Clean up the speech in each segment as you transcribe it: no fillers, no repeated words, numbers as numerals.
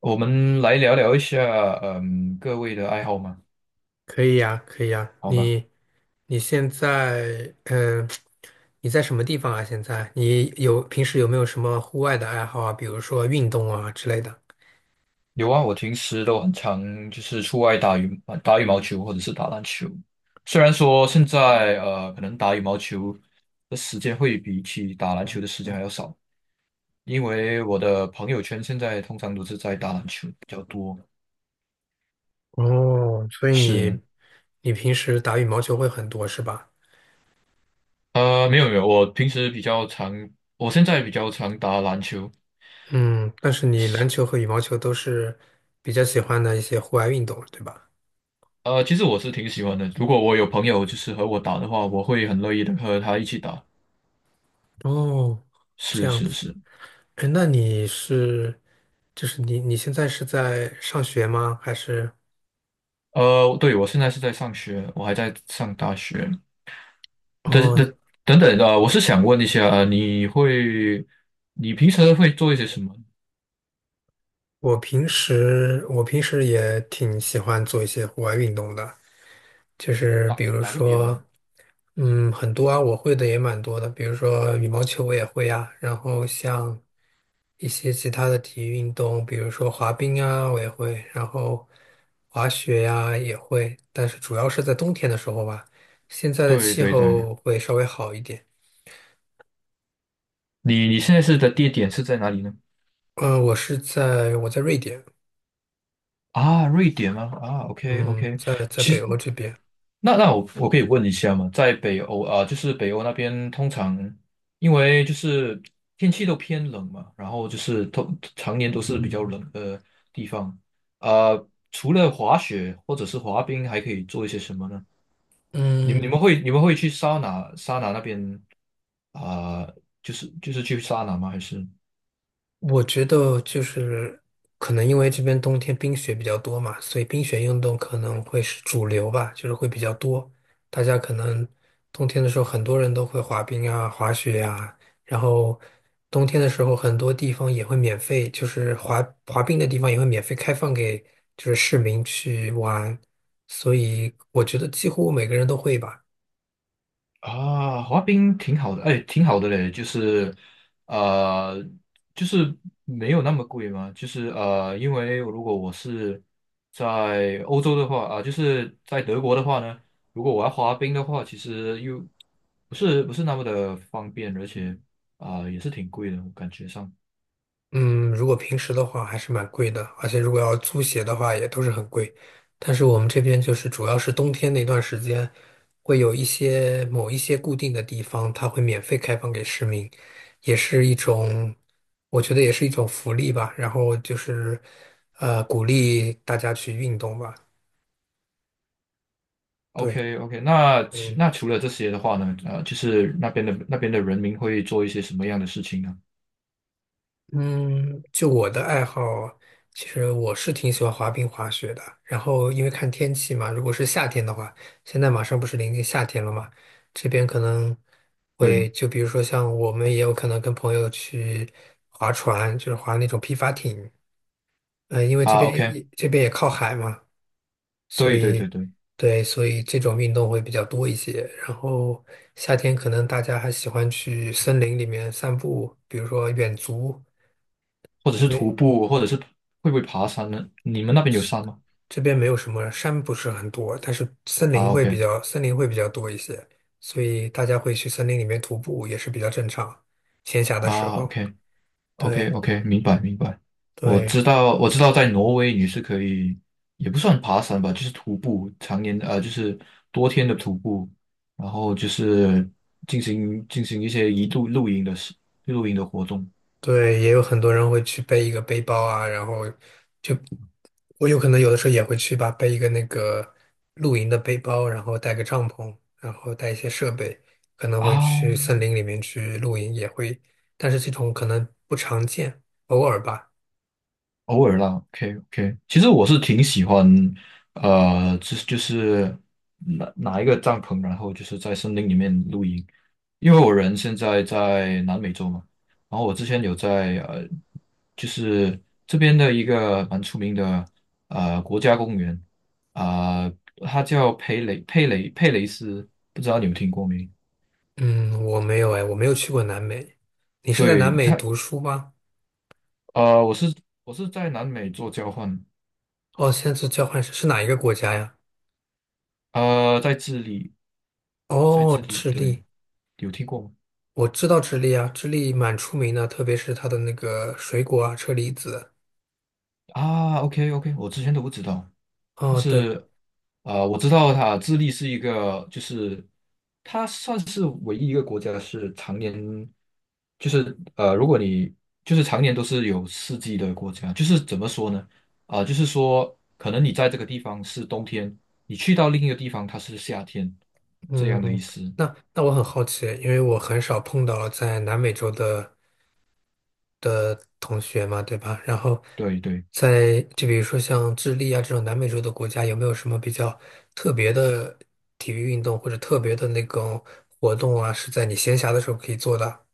我们来聊聊一下，各位的爱好吗？可以呀，可以呀。好吧。你现在，你在什么地方啊？现在你有平时有没有什么户外的爱好啊？比如说运动啊之类的。有啊，我平时都很常就是出外打羽毛球或者是打篮球。虽然说现在可能打羽毛球的时间会比起打篮球的时间还要少，因为我的朋友圈现在通常都是在打篮球比较多。哦，所以是。你平时打羽毛球会很多是吧？没有没有，我现在比较常打篮球。嗯，但是你篮球和羽毛球都是比较喜欢的一些户外运动，对吧？其实我是挺喜欢的。如果我有朋友就是和我打的话，我会很乐意的和他一起打。哦，这是样是子。是。哎，那你是，就是你现在是在上学吗？还是？对，我现在是在上学，我还在上大学。等哦，等等等，我是想问一下，你平时会做一些什么？我平时也挺喜欢做一些户外运动的，就是打比如打个比如呢？说，嗯，很多啊，我会的也蛮多的，比如说羽毛球我也会啊，然后像一些其他的体育运动，比如说滑冰啊，我也会，然后滑雪呀、也会，但是主要是在冬天的时候吧，现在的对气对对。候会稍微好一点。你现在是的地点是在哪里呢？嗯、我在瑞典，啊，瑞典吗？啊，OK 嗯，OK。在其北实欧这边，那我可以问一下吗？在北欧啊，就是北欧那边，通常因为就是天气都偏冷嘛，然后就是通常年都是比较冷的地方啊。除了滑雪或者是滑冰，还可以做一些什么呢？你嗯。们你们会你们会去桑拿那边啊，就是去桑拿吗？还是？我觉得就是可能因为这边冬天冰雪比较多嘛，所以冰雪运动可能会是主流吧，就是会比较多。大家可能冬天的时候，很多人都会滑冰啊、滑雪啊，然后冬天的时候，很多地方也会免费，就是滑冰的地方也会免费开放给就是市民去玩，所以我觉得几乎每个人都会吧。啊，滑冰挺好的，哎，挺好的嘞。呃，就是没有那么贵嘛。因为如果我是在欧洲的话啊，就是在德国的话呢，如果我要滑冰的话，其实又不是那么的方便，而且啊，也是挺贵的，我感觉上。嗯，如果平时的话还是蛮贵的，而且如果要租鞋的话也都是很贵。但是我们这边就是主要是冬天那段时间，会有某一些固定的地方，它会免费开放给市民，也是一种，我觉得也是一种福利吧。然后就是，鼓励大家去运动吧。对，OK OK。那其嗯。那除了这些的话呢，就是那边的人民会做一些什么样的事情呢？嗯，就我的爱好，其实我是挺喜欢滑冰、滑雪的。然后因为看天气嘛，如果是夏天的话，现在马上不是临近夏天了嘛，这边可能对会就比如说像我们也有可能跟朋友去划船，就是划那种皮划艇。嗯，因为这啊边，OK，也这边也靠海嘛，所对对以对对。对，所以这种运动会比较多一些。然后夏天可能大家还喜欢去森林里面散步，比如说远足。或者是徒步，或者是会不会爬山呢？你们那边有山吗？这边没有什么山，不是很多，但是森林啊会，OK，比较，森林会比较多一些，所以大家会去森林里面徒步也是比较正常。闲暇的时啊候，对，OK，OK，OK，明白明白。我知对道，我知道，在挪威你是可以，也不算爬山吧，就是徒步，常年就是多天的徒步，然后就是进行一些一度露营的事，露营的活动对，也有很多人会去背一个背包啊，然后就我有可能有的时候也会去吧，背一个那个露营的背包，然后带个帐篷，然后带一些设备，可能会去啊。森林里面去露营，也会，但是这种可能不常见，偶尔吧。偶尔啦，OK OK。其实我是挺喜欢，就是拿一个帐篷，然后就是在森林里面露营，因为我人现在在南美洲嘛，然后我之前有在就是这边的一个蛮出名的国家公园，啊、它叫佩雷斯，不知道你们听过没？嗯，我没有哎，我没有去过南美。你是在对南美它。读书吗？呃，我是我是在南美做交换。哦，现在是交换生，是哪一个国家呀？在智利。在哦，智利，智对。利，有听过吗？我知道智利啊，智利蛮出名的，特别是它的那个水果啊，车厘子。啊，OK OK，我之前都不知道。但哦，对，是我知道它智利是一个，就是它算是唯一一个国家是常年，如果你就是常年都是有四季的国家，就是怎么说呢？啊、就是说可能你在这个地方是冬天，你去到另一个地方它是夏天，这样的意嗯，思。那那我很好奇，因为我很少碰到在南美洲的。同学嘛，对吧？然后对对。在就比如说像智利啊这种南美洲的国家，有没有什么比较特别的体育运动或者特别的那种活动啊，是在你闲暇的时候可以做的？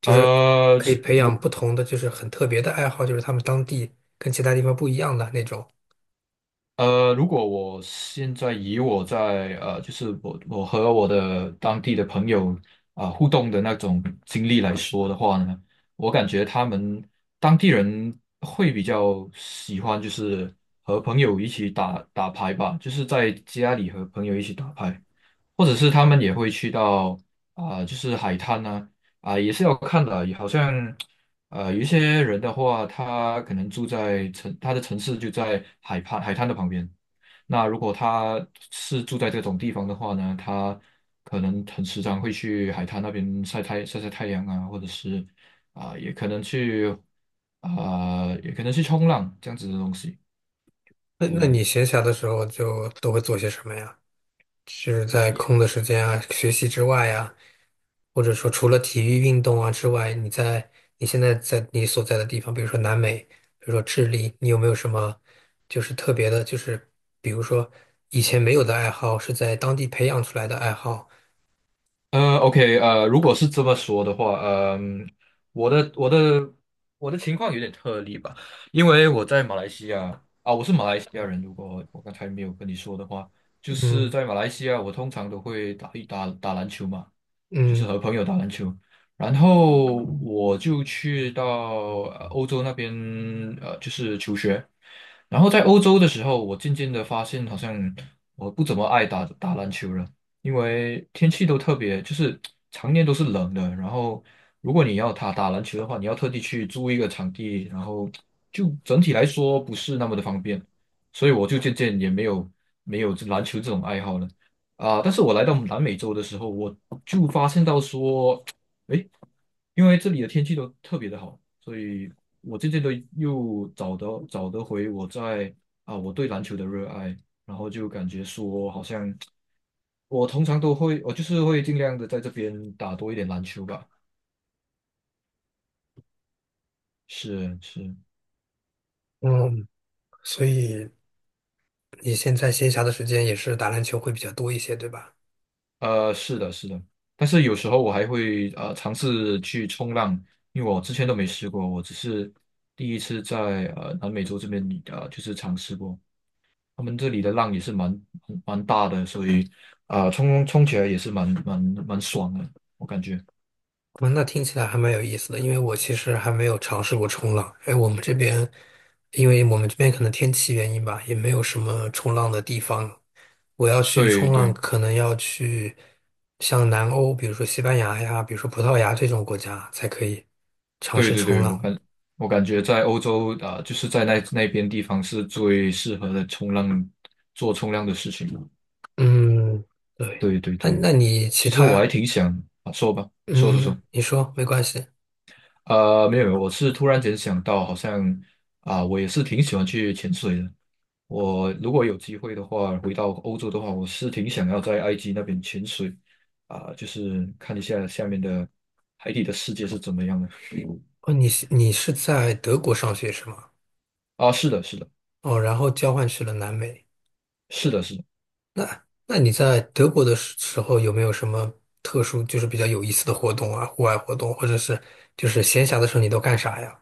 就是呃，可以是培养我不同的，就是很特别的爱好，就是他们当地跟其他地方不一样的那种。呃，如果我现在以我在就是我和我的当地的朋友啊、互动的那种经历来说的话呢，我感觉他们当地人会比较喜欢就是和朋友一起打打牌吧，就是在家里和朋友一起打牌，或者是他们也会去到啊、就是海滩呢啊、也是要看的，好像。有一些人的话，他可能住在城，他的城市就在海畔海滩的旁边。那如果他是住在这种地方的话呢，他可能很时常会去海滩那边晒晒太阳啊，或者是啊、也可能去冲浪这样子的东西。那那对。你闲暇的时候就都会做些什么呀？是在空的时间啊，学习之外呀？或者说除了体育运动啊之外，你现在在你所在的地方，比如说南美，比如说智利，你有没有什么就是特别的，就是比如说以前没有的爱好，是在当地培养出来的爱好？OK。如果是这么说的话，嗯、我的我的我的情况有点特例吧，因为我在马来西亚啊，我是马来西亚人。如果我刚才没有跟你说的话，就是嗯在马来西亚，我通常都会打一打打篮球嘛。就是嗯和朋友打篮球。然后我就去到欧洲那边，就是求学。然后在欧洲的时候，我渐渐的发现，好像我不怎么爱打篮球了，因为天气都特别，就是常年都是冷的。然后，如果你要打篮球的话，你要特地去租一个场地，然后就整体来说不是那么的方便，所以我就渐渐也没有这篮球这种爱好了。啊，但是我来到南美洲的时候，我就发现到说，诶，因为这里的天气都特别的好，所以我渐渐的又找得回我在啊我对篮球的热爱，然后就感觉说，好像我通常都会，我就是会尽量的在这边打多一点篮球吧。是是。嗯，所以你现在闲暇的时间也是打篮球会比较多一些，对吧？是的，是的。但是有时候我还会尝试去冲浪，因为我之前都没试过，我只是第一次在南美洲这边就是尝试过，他们这里的浪也是蛮大的，所以啊、冲冲起来也是蛮爽的，我感觉。嗯，那听起来还蛮有意思的，因为我其实还没有尝试过冲浪。哎，我们这边，因为我们这边可能天气原因吧，也没有什么冲浪的地方。我要去对冲浪，对可能要去像南欧，比如说西班牙呀，比如说葡萄牙这种国家才可以尝对试对冲对。浪。我感觉在欧洲啊、就是在那边地方是最适合的做冲浪的事情。嗯，对。对对那对，那你其其实我他，还挺想啊，说吧，说说嗯，说。你说没关系。没有没有，我是突然间想到，好像啊、我也是挺喜欢去潜水的。我如果有机会的话，回到欧洲的话，我是挺想要在埃及那边潜水啊、就是看一下下面的海底的世界是怎么样的。哦，你是在德国上学是吗？啊，是的，是的，哦，然后交换去了南美。是的，是的。那那你在德国的时候有没有什么特殊，就是比较有意思的活动啊，户外活动，或者是就是闲暇的时候你都干啥呀？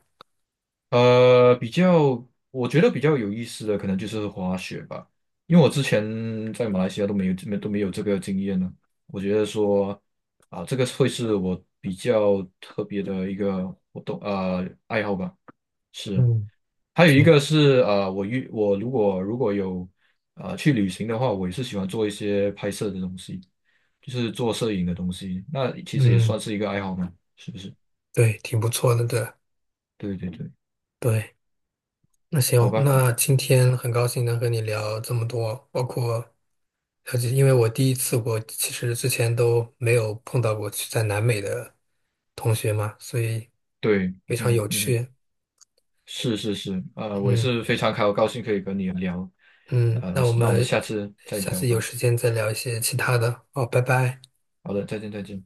我觉得比较有意思的可能就是滑雪吧，因为我之前在马来西亚都没有这个经验呢。我觉得说啊，这个会是我比较特别的一个爱好吧。是。嗯，还有一挺，个是我如果有去旅行的话，我也是喜欢做一些拍摄的东西，就是做摄影的东西，那其实也嗯，算是一个爱好嘛，是不是？对，挺不错的，对。对对对。对，那好行，吧。那今天很高兴能和你聊这么多，包括了解，因为我第一次我其实之前都没有碰到过去在南美的同学嘛，所以对。非常嗯有嗯哼。趣。是是是。我也嗯是非常开，我高兴可以跟你聊。嗯，那我那我们们下次再下聊次有吧。时间再聊一些其他的。好，拜拜。好的，再见再见。